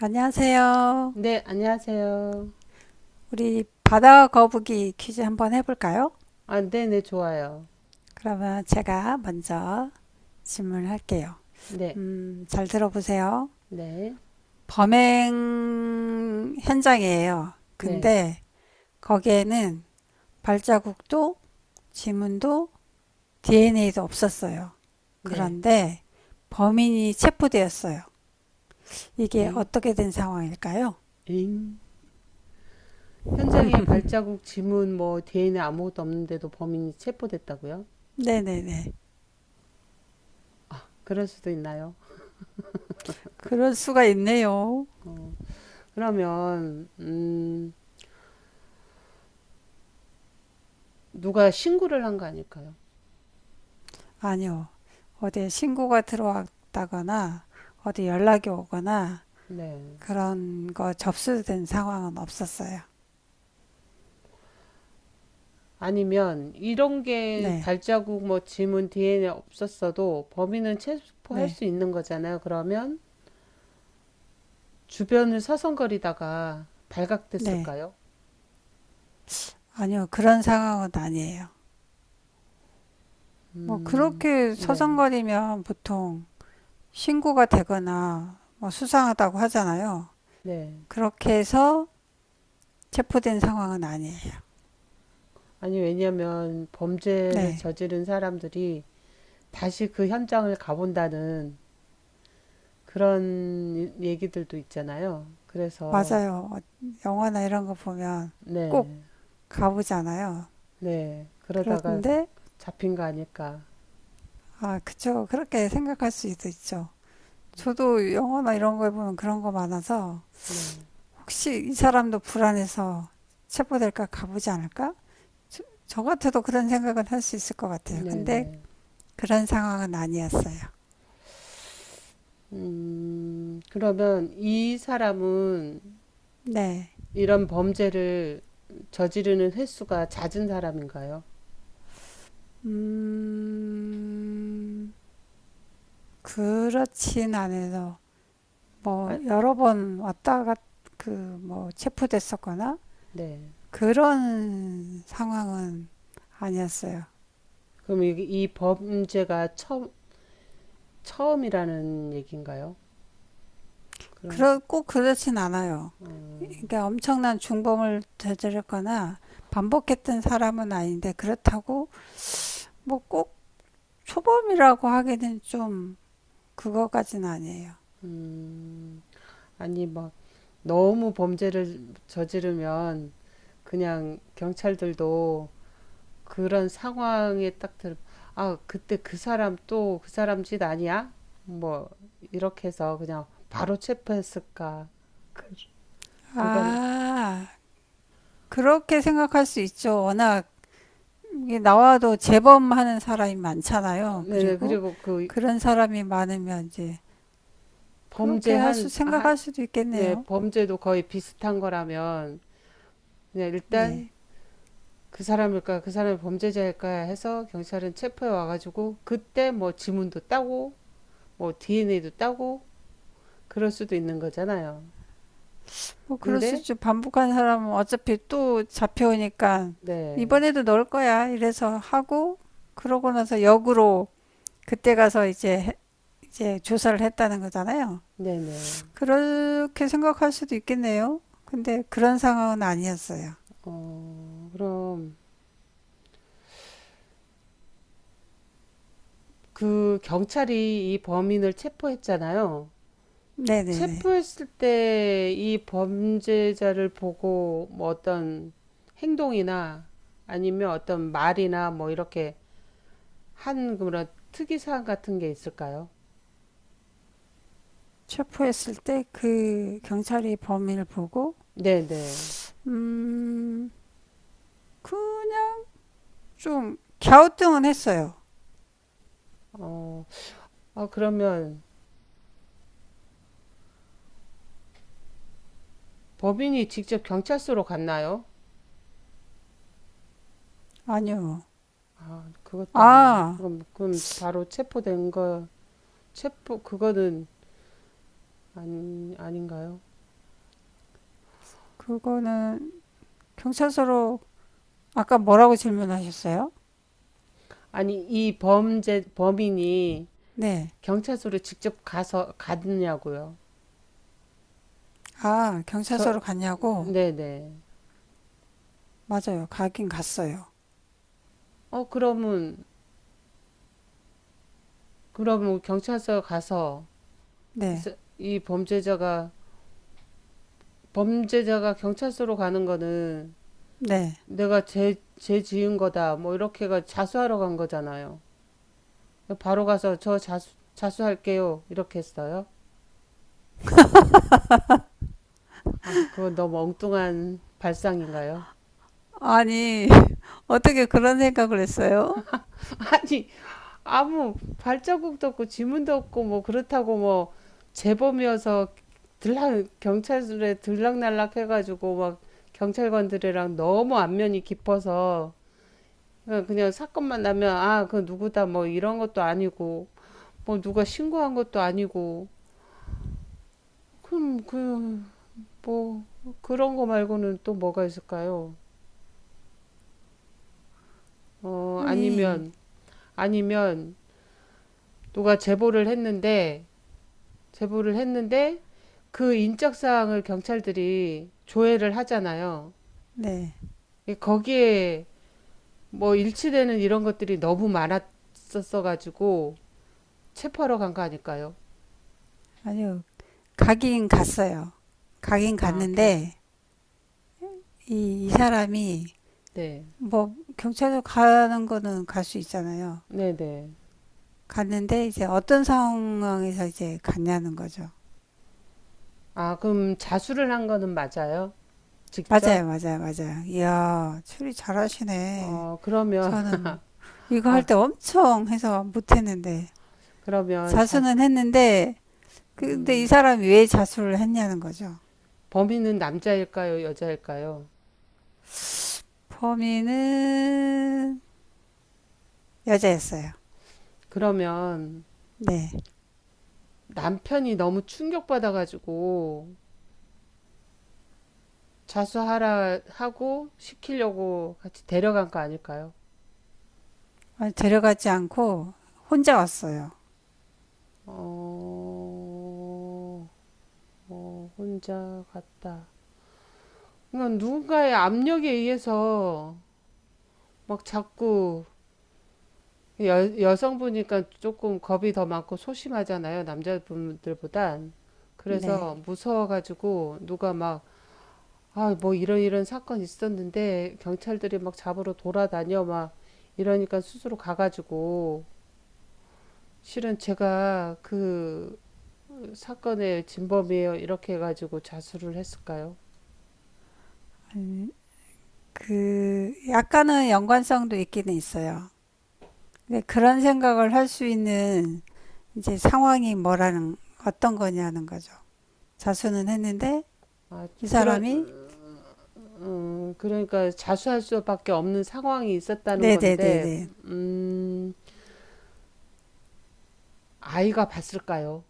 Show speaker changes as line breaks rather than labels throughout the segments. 안녕하세요.
네, 안녕하세요.
우리 바다 거북이 퀴즈 한번 해볼까요?
아, 네, 네, 좋아요.
그러면 제가 먼저 질문을 할게요.
네,
잘 들어보세요.
네,
범행 현장이에요.
네,
근데 거기에는 발자국도, 지문도, DNA도 없었어요.
네.
그런데 범인이 체포되었어요. 이게
잉,
어떻게 된 상황일까요?
잉. 현장에 발자국, 지문, 뭐, DNA 아무것도 없는데도 범인이 체포됐다고요?
네네네.
그럴 수도 있나요?
그럴 수가 있네요.
어, 그러면, 누가 신고를 한 거 아닐까요?
아니요. 어디 신고가 들어왔다거나 어디 연락이 오거나
네.
그런 거 접수된 상황은 없었어요.
아니면, 이런 게
네,
발자국, 뭐, 지문, DNA 없었어도 범인은 체포할
네,
수 있는 거잖아요. 그러면, 주변을 서성거리다가
네.
발각됐을까요?
아니요. 그런 상황은 아니에요. 뭐
음,
그렇게
네,
서성거리면 보통 신고가 되거나 뭐 수상하다고 하잖아요.
네.
그렇게 해서 체포된 상황은 아니에요.
아니, 왜냐면 범죄를
네,
저지른 사람들이 다시 그 현장을 가본다는 그런 얘기들도 있잖아요. 그래서,
맞아요. 영화나 이런 거 보면
네,
꼭 가보잖아요.
네. 그러다가
그런데
잡힌 거 아닐까.
아, 그쵸. 그렇게 생각할 수도 있죠. 저도 영화나 이런 거에 보면 그런 거 많아서
네,
혹시 이 사람도 불안해서 체포될까 가보지 않을까? 저 같아도 그런 생각은 할 수 있을 것 같아요.
네,
근데
네.
그런 상황은 아니었어요.
그러면 이 사람은
네.
이런 범죄를 저지르는 횟수가 잦은 사람인가요?
음, 그렇진 않아서 뭐
아,
여러 번 왔다 갔, 그, 뭐 체포됐었거나
네.
그런 상황은 아니었어요.
그럼 이 범죄가 처음이라는 얘기인가요? 그럼
그러, 꼭 그렇진 않아요.
음,
그러니까 엄청난 중범을 저질렀거나 반복했던 사람은 아닌데 그렇다고 뭐 꼭 초범이라고 하기는 좀 그거까지는 아니에요.
음, 아니 막 너무 범죄를 저지르면 그냥 경찰들도 그런 상황에 딱 아 그때 그 사람 또 그 사람 짓 아니야? 뭐 이렇게 해서 그냥 바로 체포했을까? 그, 그거는
아, 그렇게 생각할 수 있죠. 워낙 나와도 재범하는 사람이 많잖아요.
네네
그리고
그리고 그
그런 사람이 많으면 이제 그렇게 할 수,
범죄한 아,
생각할 수도
네
있겠네요.
범죄도 거의 비슷한 거라면 그냥
네.
일단 그 사람일까 그 사람이 범죄자일까 해서 경찰은 체포해 와가지고 그때 뭐 지문도 따고 뭐 DNA도 따고 그럴 수도 있는 거잖아요.
뭐 그럴 수
근데
있죠. 반복한 사람은 어차피 또 잡혀오니까
네,
이번에도 넣을 거야. 이래서 하고 그러고 나서 역으로 그때 가서 이제 조사를 했다는 거잖아요.
네네.
그렇게 생각할 수도 있겠네요. 근데 그런 상황은 아니었어요.
어 그럼 그 경찰이 이 범인을 체포했잖아요.
네네네.
체포했을 때 이 범죄자를 보고 뭐 어떤 행동이나 아니면 어떤 말이나 뭐 이렇게 한 그런 특이사항 같은 게 있을까요?
체포했을 때 그 경찰이 범인을 보고
네네.
음 그냥 좀 갸우뚱은 했어요.
어, 아, 그러면 법인이 직접 경찰서로 갔나요?
아니요.
아, 그것도 아니에요.
아,
그럼, 그럼 바로 체포된 거, 체포, 그거는 아니, 아닌가요?
그거는 경찰서로 아까 뭐라고 질문하셨어요?
아니, 이 범죄, 범인이
네.
경찰서로 직접 가서, 갔냐고요?
아,
저,
경찰서로 갔냐고?
네네.
맞아요. 가긴 갔어요.
어, 그러면, 그러면 경찰서 가서,
네.
이제 이 범죄자가, 범죄자가 경찰서로 가는 거는
네.
내가 죄, 죄 지은 거다, 뭐, 이렇게가 자수하러 간 거잖아요. 바로 가서 저 자수, 자수할게요. 이렇게 했어요. 아, 그건 너무 엉뚱한 발상인가요?
아니, 어떻게 그런 생각을 했어요?
아니, 아무 발자국도 없고 지문도 없고 뭐 그렇다고 뭐 재범이어서 들락, 경찰에 들락날락 해가지고 막 경찰관들이랑 너무 안면이 깊어서 그냥, 그냥 사건만 나면 아, 그 누구다 뭐 이런 것도 아니고 뭐 누가 신고한 것도 아니고 그럼 그 뭐 그런 거 말고는 또 뭐가 있을까요? 어,
아니,
아니면, 아니면, 누가 제보를 했는데, 제보를 했는데, 그 인적사항을 경찰들이 조회를 하잖아요.
네.
거기에 뭐 일치되는 이런 것들이 너무 많았었어가지고, 체포하러 간 거 아닐까요?
아니요. 가긴 갔어요. 가긴
아, 결,
갔는데, 이 사람이,
네.
뭐, 경찰서 가는 거는 갈 수 있잖아요.
네네.
갔는데, 이제 어떤 상황에서 이제 갔냐는 거죠.
아, 그럼 자수를 한 거는 맞아요? 직접?
맞아요, 맞아요, 맞아요. 이야, 추리 잘하시네.
어, 그러면,
저는 이거 할
아,
때 엄청 해서 못했는데
그러면 자,
자수는 했는데 근데 이
음,
사람이 왜 자수를 했냐는 거죠.
범인은 남자일까요? 여자일까요?
범인은 여자였어요.
그러면,
네.
남편이 너무 충격받아가지고 자수하라 하고 시키려고 같이 데려간 거 아닐까요?
데려가지 않고 혼자 왔어요.
어, 어, 혼자 갔다. 그러니까 누군가의 압력에 의해서 막 자꾸 여성분이니까 조금 겁이 더 많고 소심하잖아요. 남자분들보단.
네.
그래서 무서워가지고 누가 막 아, 뭐 이런 이런 사건이 있었는데 경찰들이 막 잡으러 돌아다녀 막 이러니까 스스로 가가지고 실은 제가 그 사건의 진범이에요 이렇게 해가지고 자수를 했을까요?
그 약간은 연관성도 있기는 있어요. 근데 그런 생각을 할 수 있는 이제 상황이 뭐라는 어떤 거냐는 거죠. 자수는 했는데
아,
이
좀 그런
사람이
그러니까 자수할 수밖에 없는 상황이 있었다는 건데
네네네네
음, 아이가 봤을까요?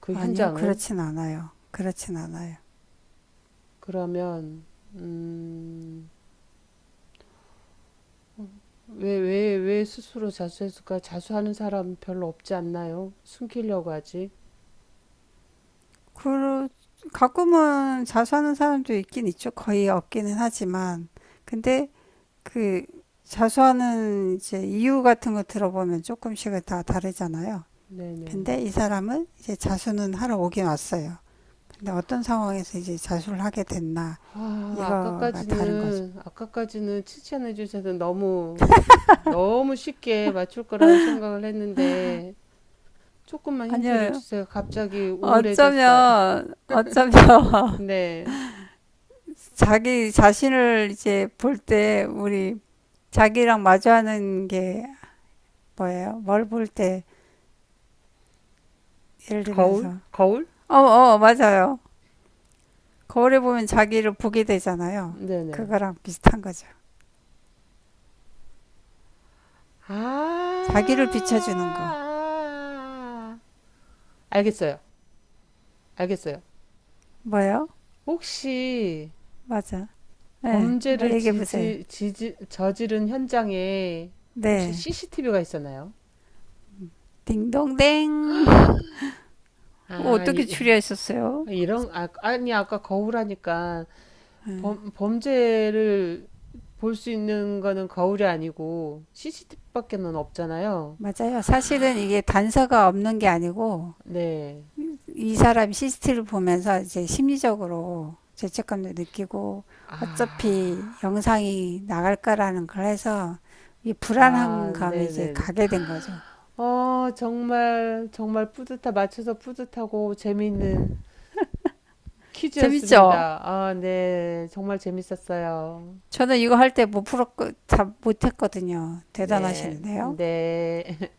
그
아니요,
현장을
그렇진 않아요. 그렇진 않아요.
그러면 음, 왜, 왜, 왜 스스로 자수했을까? 자수하는 사람 별로 없지 않나요? 숨기려고 하지.
그, 가끔은 자수하는 사람도 있긴 있죠. 거의 없기는 하지만. 근데 그 자수하는 이제 이유 같은 거 들어보면 조금씩은 다 다르잖아요. 근데
네네.
이 사람은 이제 자수는 하러 오긴 왔어요. 근데 어떤 상황에서 이제 자수를 하게 됐나,
아,
이거가 다른 거죠.
아까까지는, 아까까지는 칭찬해 주셔서 너무, 너무 쉽게 맞출 거라고 생각을 했는데, 조금만 힌트를
아니요.
주세요. 갑자기 우울해졌어요.
어쩌면, 어쩌면,
네.
자기 자신을 이제 볼 때, 우리 자기랑 마주하는 게 뭐예요? 뭘 볼 때 예를
거울?
들면서
거울?
어, 어, 맞아요. 거울에 보면 자기를 보게 되잖아요.
네네.
그거랑 비슷한 거죠.
아, 아,
자기를 비춰주는 거.
아. 아. 알겠어요. 알겠어요.
뭐예요?
혹시
맞아. 네, 한번
범죄를
얘기해 보세요.
저지른 현장에 혹시
네,
CCTV가 있었나요?
딩동댕. 어,
아,
어떻게
이,
추리하셨어요?
런 아, 아니, 아까 거울 하니까
네,
범죄를 볼 수 있는 거는 거울이 아니고 CCTV밖에는 없잖아요.
맞아요. 사실은 이게 단서가 없는 게 아니고
네.
이 사람 CCTV를 보면서 이제 심리적으로 죄책감도 느끼고
아,
어차피 영상이 나갈 거라는 걸 해서 이 불안한
아,
감이 이제
네네네.
가게 된 거죠.
어, 정말 맞춰서 뿌듯하고 재미있는
재밌죠?
퀴즈였습니다. 아, 네. 정말 재밌었어요.
저는 이거 할 때 못 풀었고 다 못했거든요.
네,
대단하시는데요.
네.